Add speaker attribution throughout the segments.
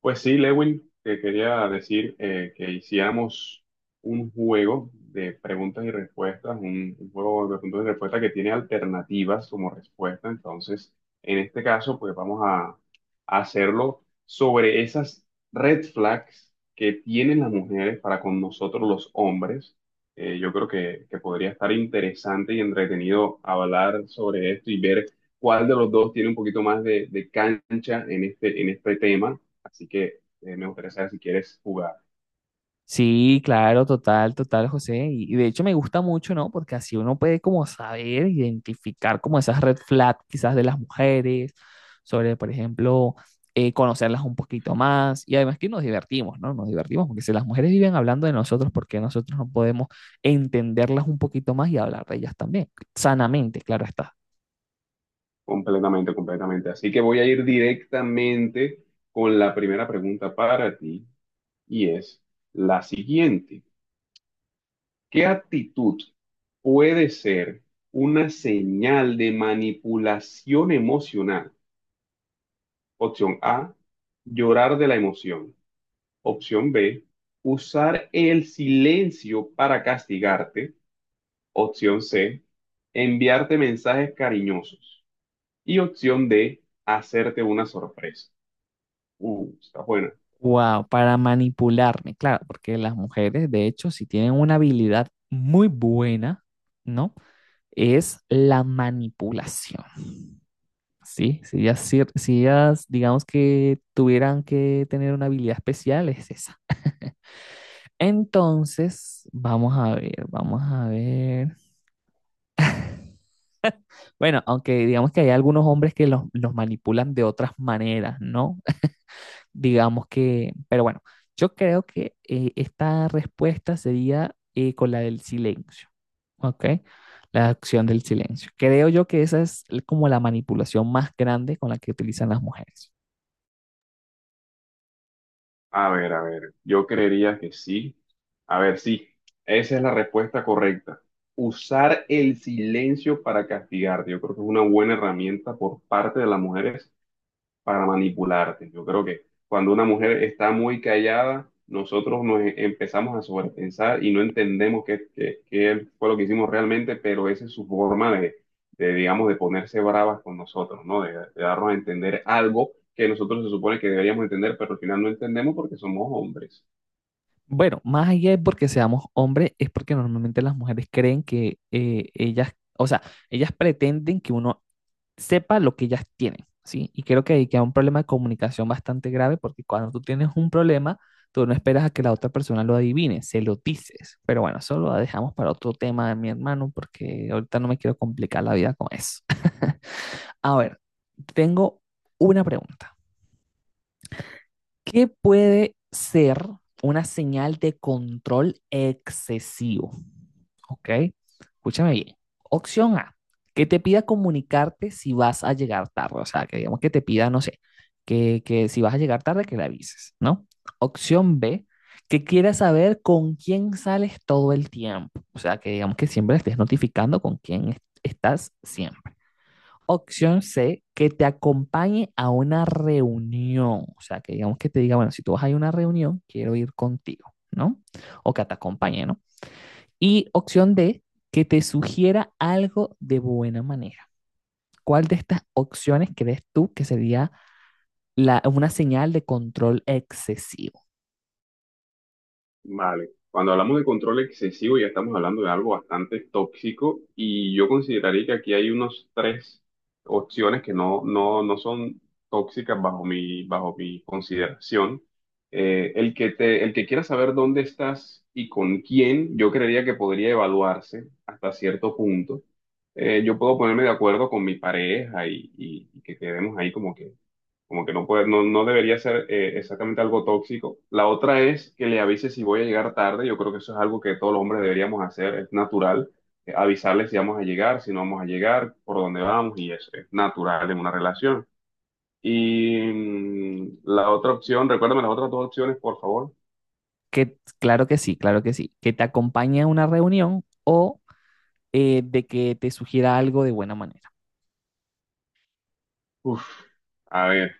Speaker 1: Pues sí, Lewin, te quería decir que hiciéramos un juego de preguntas y respuestas, un juego de preguntas y respuestas que tiene alternativas como respuesta. Entonces, en este caso, pues vamos a hacerlo sobre esas red flags que tienen las mujeres para con nosotros los hombres. Yo creo que podría estar interesante y entretenido hablar sobre esto y ver cuál de los dos tiene un poquito más de cancha en este tema. Así que me gustaría saber si quieres jugar.
Speaker 2: Sí, claro, total, total, José. Y de hecho me gusta mucho, ¿no? Porque así uno puede como saber, identificar como esas red flags quizás de las mujeres, sobre, por ejemplo, conocerlas un poquito más. Y además que nos divertimos, ¿no? Nos divertimos, porque si las mujeres viven hablando de nosotros, ¿por qué nosotros no podemos entenderlas un poquito más y hablar de ellas también? Sanamente, claro está.
Speaker 1: Completamente, completamente. Así que voy a ir directamente con la primera pregunta para ti y es la siguiente. ¿Qué actitud puede ser una señal de manipulación emocional? Opción A, llorar de la emoción. Opción B, usar el silencio para castigarte. Opción C, enviarte mensajes cariñosos. Y opción D, hacerte una sorpresa. Está buena.
Speaker 2: Wow, para manipularme, claro, porque las mujeres, de hecho, si tienen una habilidad muy buena, ¿no? Es la manipulación, ¿sí? Si ellas, digamos que tuvieran que tener una habilidad especial, es esa. Entonces, vamos a ver, vamos a ver. Bueno, aunque digamos que hay algunos hombres que los manipulan de otras maneras, ¿no? Digamos que, pero bueno, yo creo que esta respuesta sería con la del silencio, ¿ok? La acción del silencio. Creo yo que esa es como la manipulación más grande con la que utilizan las mujeres.
Speaker 1: A ver, yo creería que sí. A ver, sí, esa es la respuesta correcta. Usar el silencio para castigarte. Yo creo que es una buena herramienta por parte de las mujeres para manipularte. Yo creo que cuando una mujer está muy callada, nosotros empezamos a sobrepensar y no entendemos qué fue lo que hicimos realmente, pero esa es su forma digamos, de ponerse bravas con nosotros, ¿no? De darnos a entender algo que nosotros se supone que deberíamos entender, pero al final no entendemos porque somos hombres.
Speaker 2: Bueno, más allá de porque seamos hombres, es porque normalmente las mujeres creen que ellas, o sea, ellas pretenden que uno sepa lo que ellas tienen, ¿sí? Y creo que ahí queda un problema de comunicación bastante grave porque cuando tú tienes un problema, tú no esperas a que la otra persona lo adivine, se lo dices. Pero bueno, eso lo dejamos para otro tema, mi hermano, porque ahorita no me quiero complicar la vida con eso. A ver, tengo una pregunta. ¿Qué puede ser una señal de control excesivo? Ok, escúchame bien. Opción A, que te pida comunicarte si vas a llegar tarde, o sea, que digamos que te pida, no sé, que si vas a llegar tarde, que le avises, ¿no? Opción B, que quiera saber con quién sales todo el tiempo, o sea, que digamos que siempre estés notificando con quién estás siempre. Opción C, que te acompañe a una reunión, o sea, que digamos que te diga, bueno, si tú vas a ir a una reunión, quiero ir contigo, ¿no? O que te acompañe, ¿no? Y opción D, que te sugiera algo de buena manera. ¿Cuál de estas opciones crees tú que sería la, una señal de control excesivo?
Speaker 1: Vale, cuando hablamos de control excesivo ya estamos hablando de algo bastante tóxico y yo consideraría que aquí hay unos tres opciones que no son tóxicas bajo mi consideración. El que quiera saber dónde estás y con quién, yo creería que podría evaluarse hasta cierto punto. Yo puedo ponerme de acuerdo con mi pareja y que quedemos ahí como que no puede, no debería ser exactamente algo tóxico. La otra es que le avise si voy a llegar tarde. Yo creo que eso es algo que todos los hombres deberíamos hacer. Es natural, avisarle si vamos a llegar, si no vamos a llegar, por dónde vamos, y eso es natural en una relación. Y la otra opción, recuérdame las otras dos opciones, por favor.
Speaker 2: Que, claro que sí, claro que sí. Que te acompañe a una reunión o de que te sugiera algo de buena manera.
Speaker 1: Uf, a ver.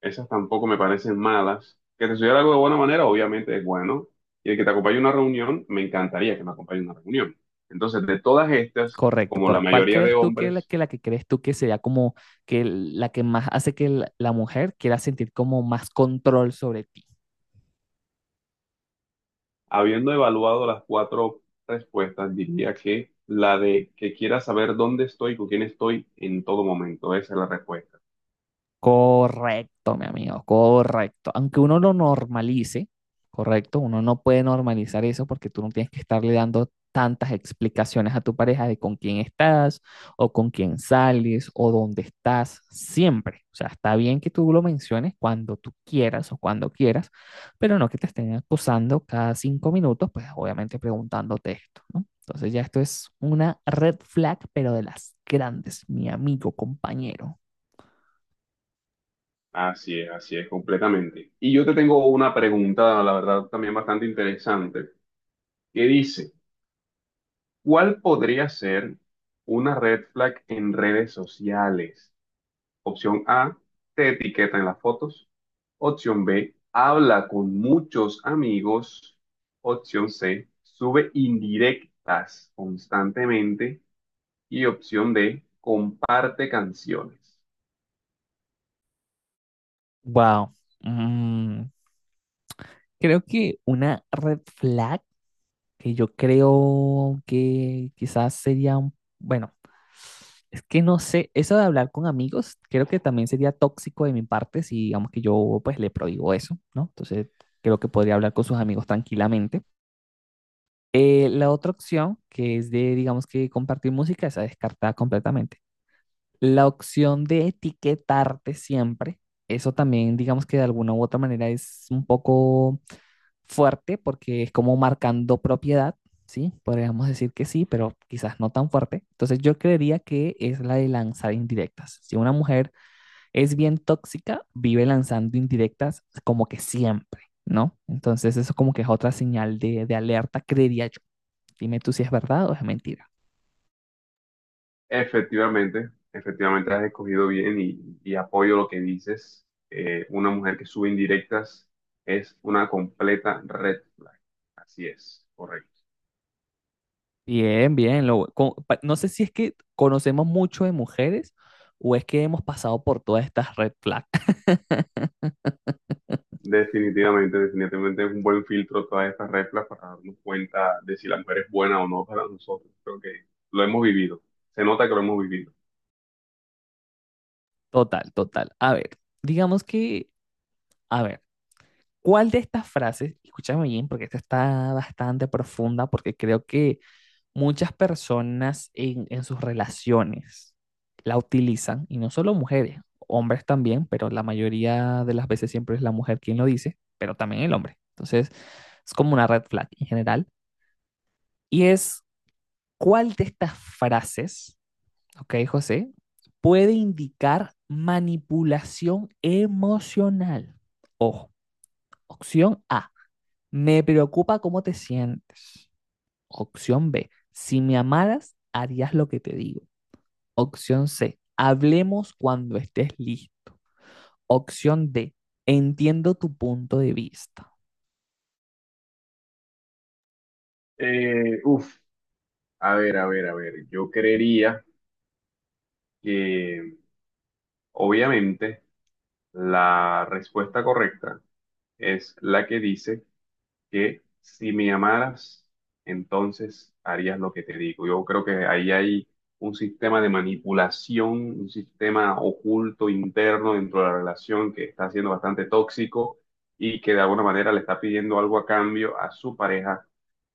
Speaker 1: Esas tampoco me parecen malas. Que te sugiera algo de buena manera, obviamente es bueno. Y el que te acompañe a una reunión, me encantaría que me acompañe a una reunión. Entonces, de todas estas,
Speaker 2: Correcto,
Speaker 1: como la
Speaker 2: correcto. ¿Cuál
Speaker 1: mayoría de
Speaker 2: crees tú que la
Speaker 1: hombres,
Speaker 2: que, la que crees tú que sería como que la que más hace que la mujer quiera sentir como más control sobre ti?
Speaker 1: habiendo evaluado las cuatro respuestas, diría que la de que quiera saber dónde estoy, con quién estoy en todo momento. Esa es la respuesta.
Speaker 2: Correcto, mi amigo, correcto. Aunque uno lo normalice, correcto, uno no puede normalizar eso porque tú no tienes que estarle dando tantas explicaciones a tu pareja de con quién estás o con quién sales o dónde estás siempre. O sea, está bien que tú lo menciones cuando tú quieras o cuando quieras, pero no que te estén acusando cada 5 minutos, pues obviamente preguntándote esto, ¿no? Entonces ya esto es una red flag, pero de las grandes, mi amigo, compañero.
Speaker 1: Así es, completamente. Y yo te tengo una pregunta, la verdad, también bastante interesante, que dice... ¿Cuál podría ser una red flag en redes sociales? Opción A, te etiqueta en las fotos. Opción B, habla con muchos amigos. Opción C, sube indirectas constantemente. Y opción D, comparte canciones.
Speaker 2: Wow. Mm, creo que una red flag que yo creo que quizás sería un, bueno, es que no sé, eso de hablar con amigos, creo que también sería tóxico de mi parte si digamos que yo pues le prohíbo eso, ¿no? Entonces creo que podría hablar con sus amigos tranquilamente. La otra opción, que es de, digamos que compartir música, esa descartada completamente. La opción de etiquetarte siempre, eso también, digamos que de alguna u otra manera es un poco fuerte porque es como marcando propiedad, ¿sí? Podríamos decir que sí, pero quizás no tan fuerte. Entonces yo creería que es la de lanzar indirectas. Si una mujer es bien tóxica, vive lanzando indirectas como que siempre, ¿no? Entonces eso como que es otra señal de alerta, creería yo. Dime tú si es verdad o es mentira.
Speaker 1: Efectivamente, efectivamente has escogido bien y apoyo lo que dices. Una mujer que sube indirectas es una completa red flag. Así es, correcto.
Speaker 2: Bien, bien. No sé si es que conocemos mucho de mujeres o es que hemos pasado por todas estas red flags.
Speaker 1: Definitivamente, definitivamente es un buen filtro todas estas reglas para darnos cuenta de si la mujer es buena o no para nosotros. Creo que lo hemos vivido. Se nota que lo hemos vivido.
Speaker 2: Total, total. A ver, digamos que, a ver, ¿cuál de estas frases, escúchame bien, porque esta está bastante profunda, porque creo que muchas personas en sus relaciones la utilizan, y no solo mujeres, hombres también, pero la mayoría de las veces siempre es la mujer quien lo dice, pero también el hombre. Entonces, es como una red flag en general. Y es, ¿cuál de estas frases, ok, José, puede indicar manipulación emocional? Ojo, opción A, me preocupa cómo te sientes. Opción B, si me amaras, harías lo que te digo. Opción C, hablemos cuando estés listo. Opción D, entiendo tu punto de vista.
Speaker 1: Uf, a ver, a ver, a ver. Yo creería que obviamente la respuesta correcta es la que dice que si me amaras, entonces harías lo que te digo. Yo creo que ahí hay un sistema de manipulación, un sistema oculto interno dentro de la relación que está siendo bastante tóxico y que de alguna manera le está pidiendo algo a cambio a su pareja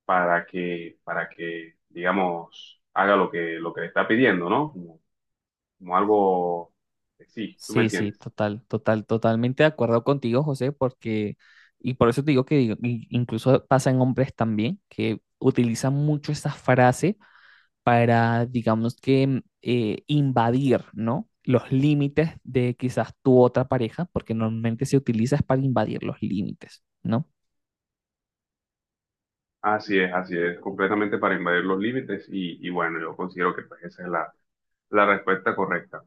Speaker 1: digamos, haga lo que le está pidiendo, ¿no? Como, como algo, sí, tú me
Speaker 2: Sí, sí,
Speaker 1: entiendes.
Speaker 2: total, total, totalmente de acuerdo contigo, José, porque, y por eso te digo que digo, incluso pasa en hombres también, que utilizan mucho esa frase para, digamos que, invadir, ¿no? Los límites de quizás tu otra pareja, porque normalmente se utiliza es para invadir los límites, ¿no?
Speaker 1: Así es, completamente para invadir los límites y bueno, yo considero que pues, esa es la respuesta correcta.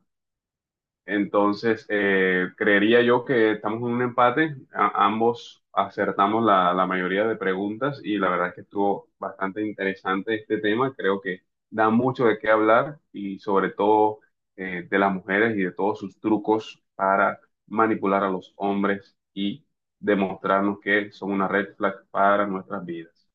Speaker 1: Entonces, creería yo que estamos en un empate. Ambos acertamos la mayoría de preguntas y la verdad es que estuvo bastante interesante este tema. Creo que da mucho de qué hablar y sobre todo, de las mujeres y de todos sus trucos para manipular a los hombres y demostrarnos que son una red flag para nuestras vidas.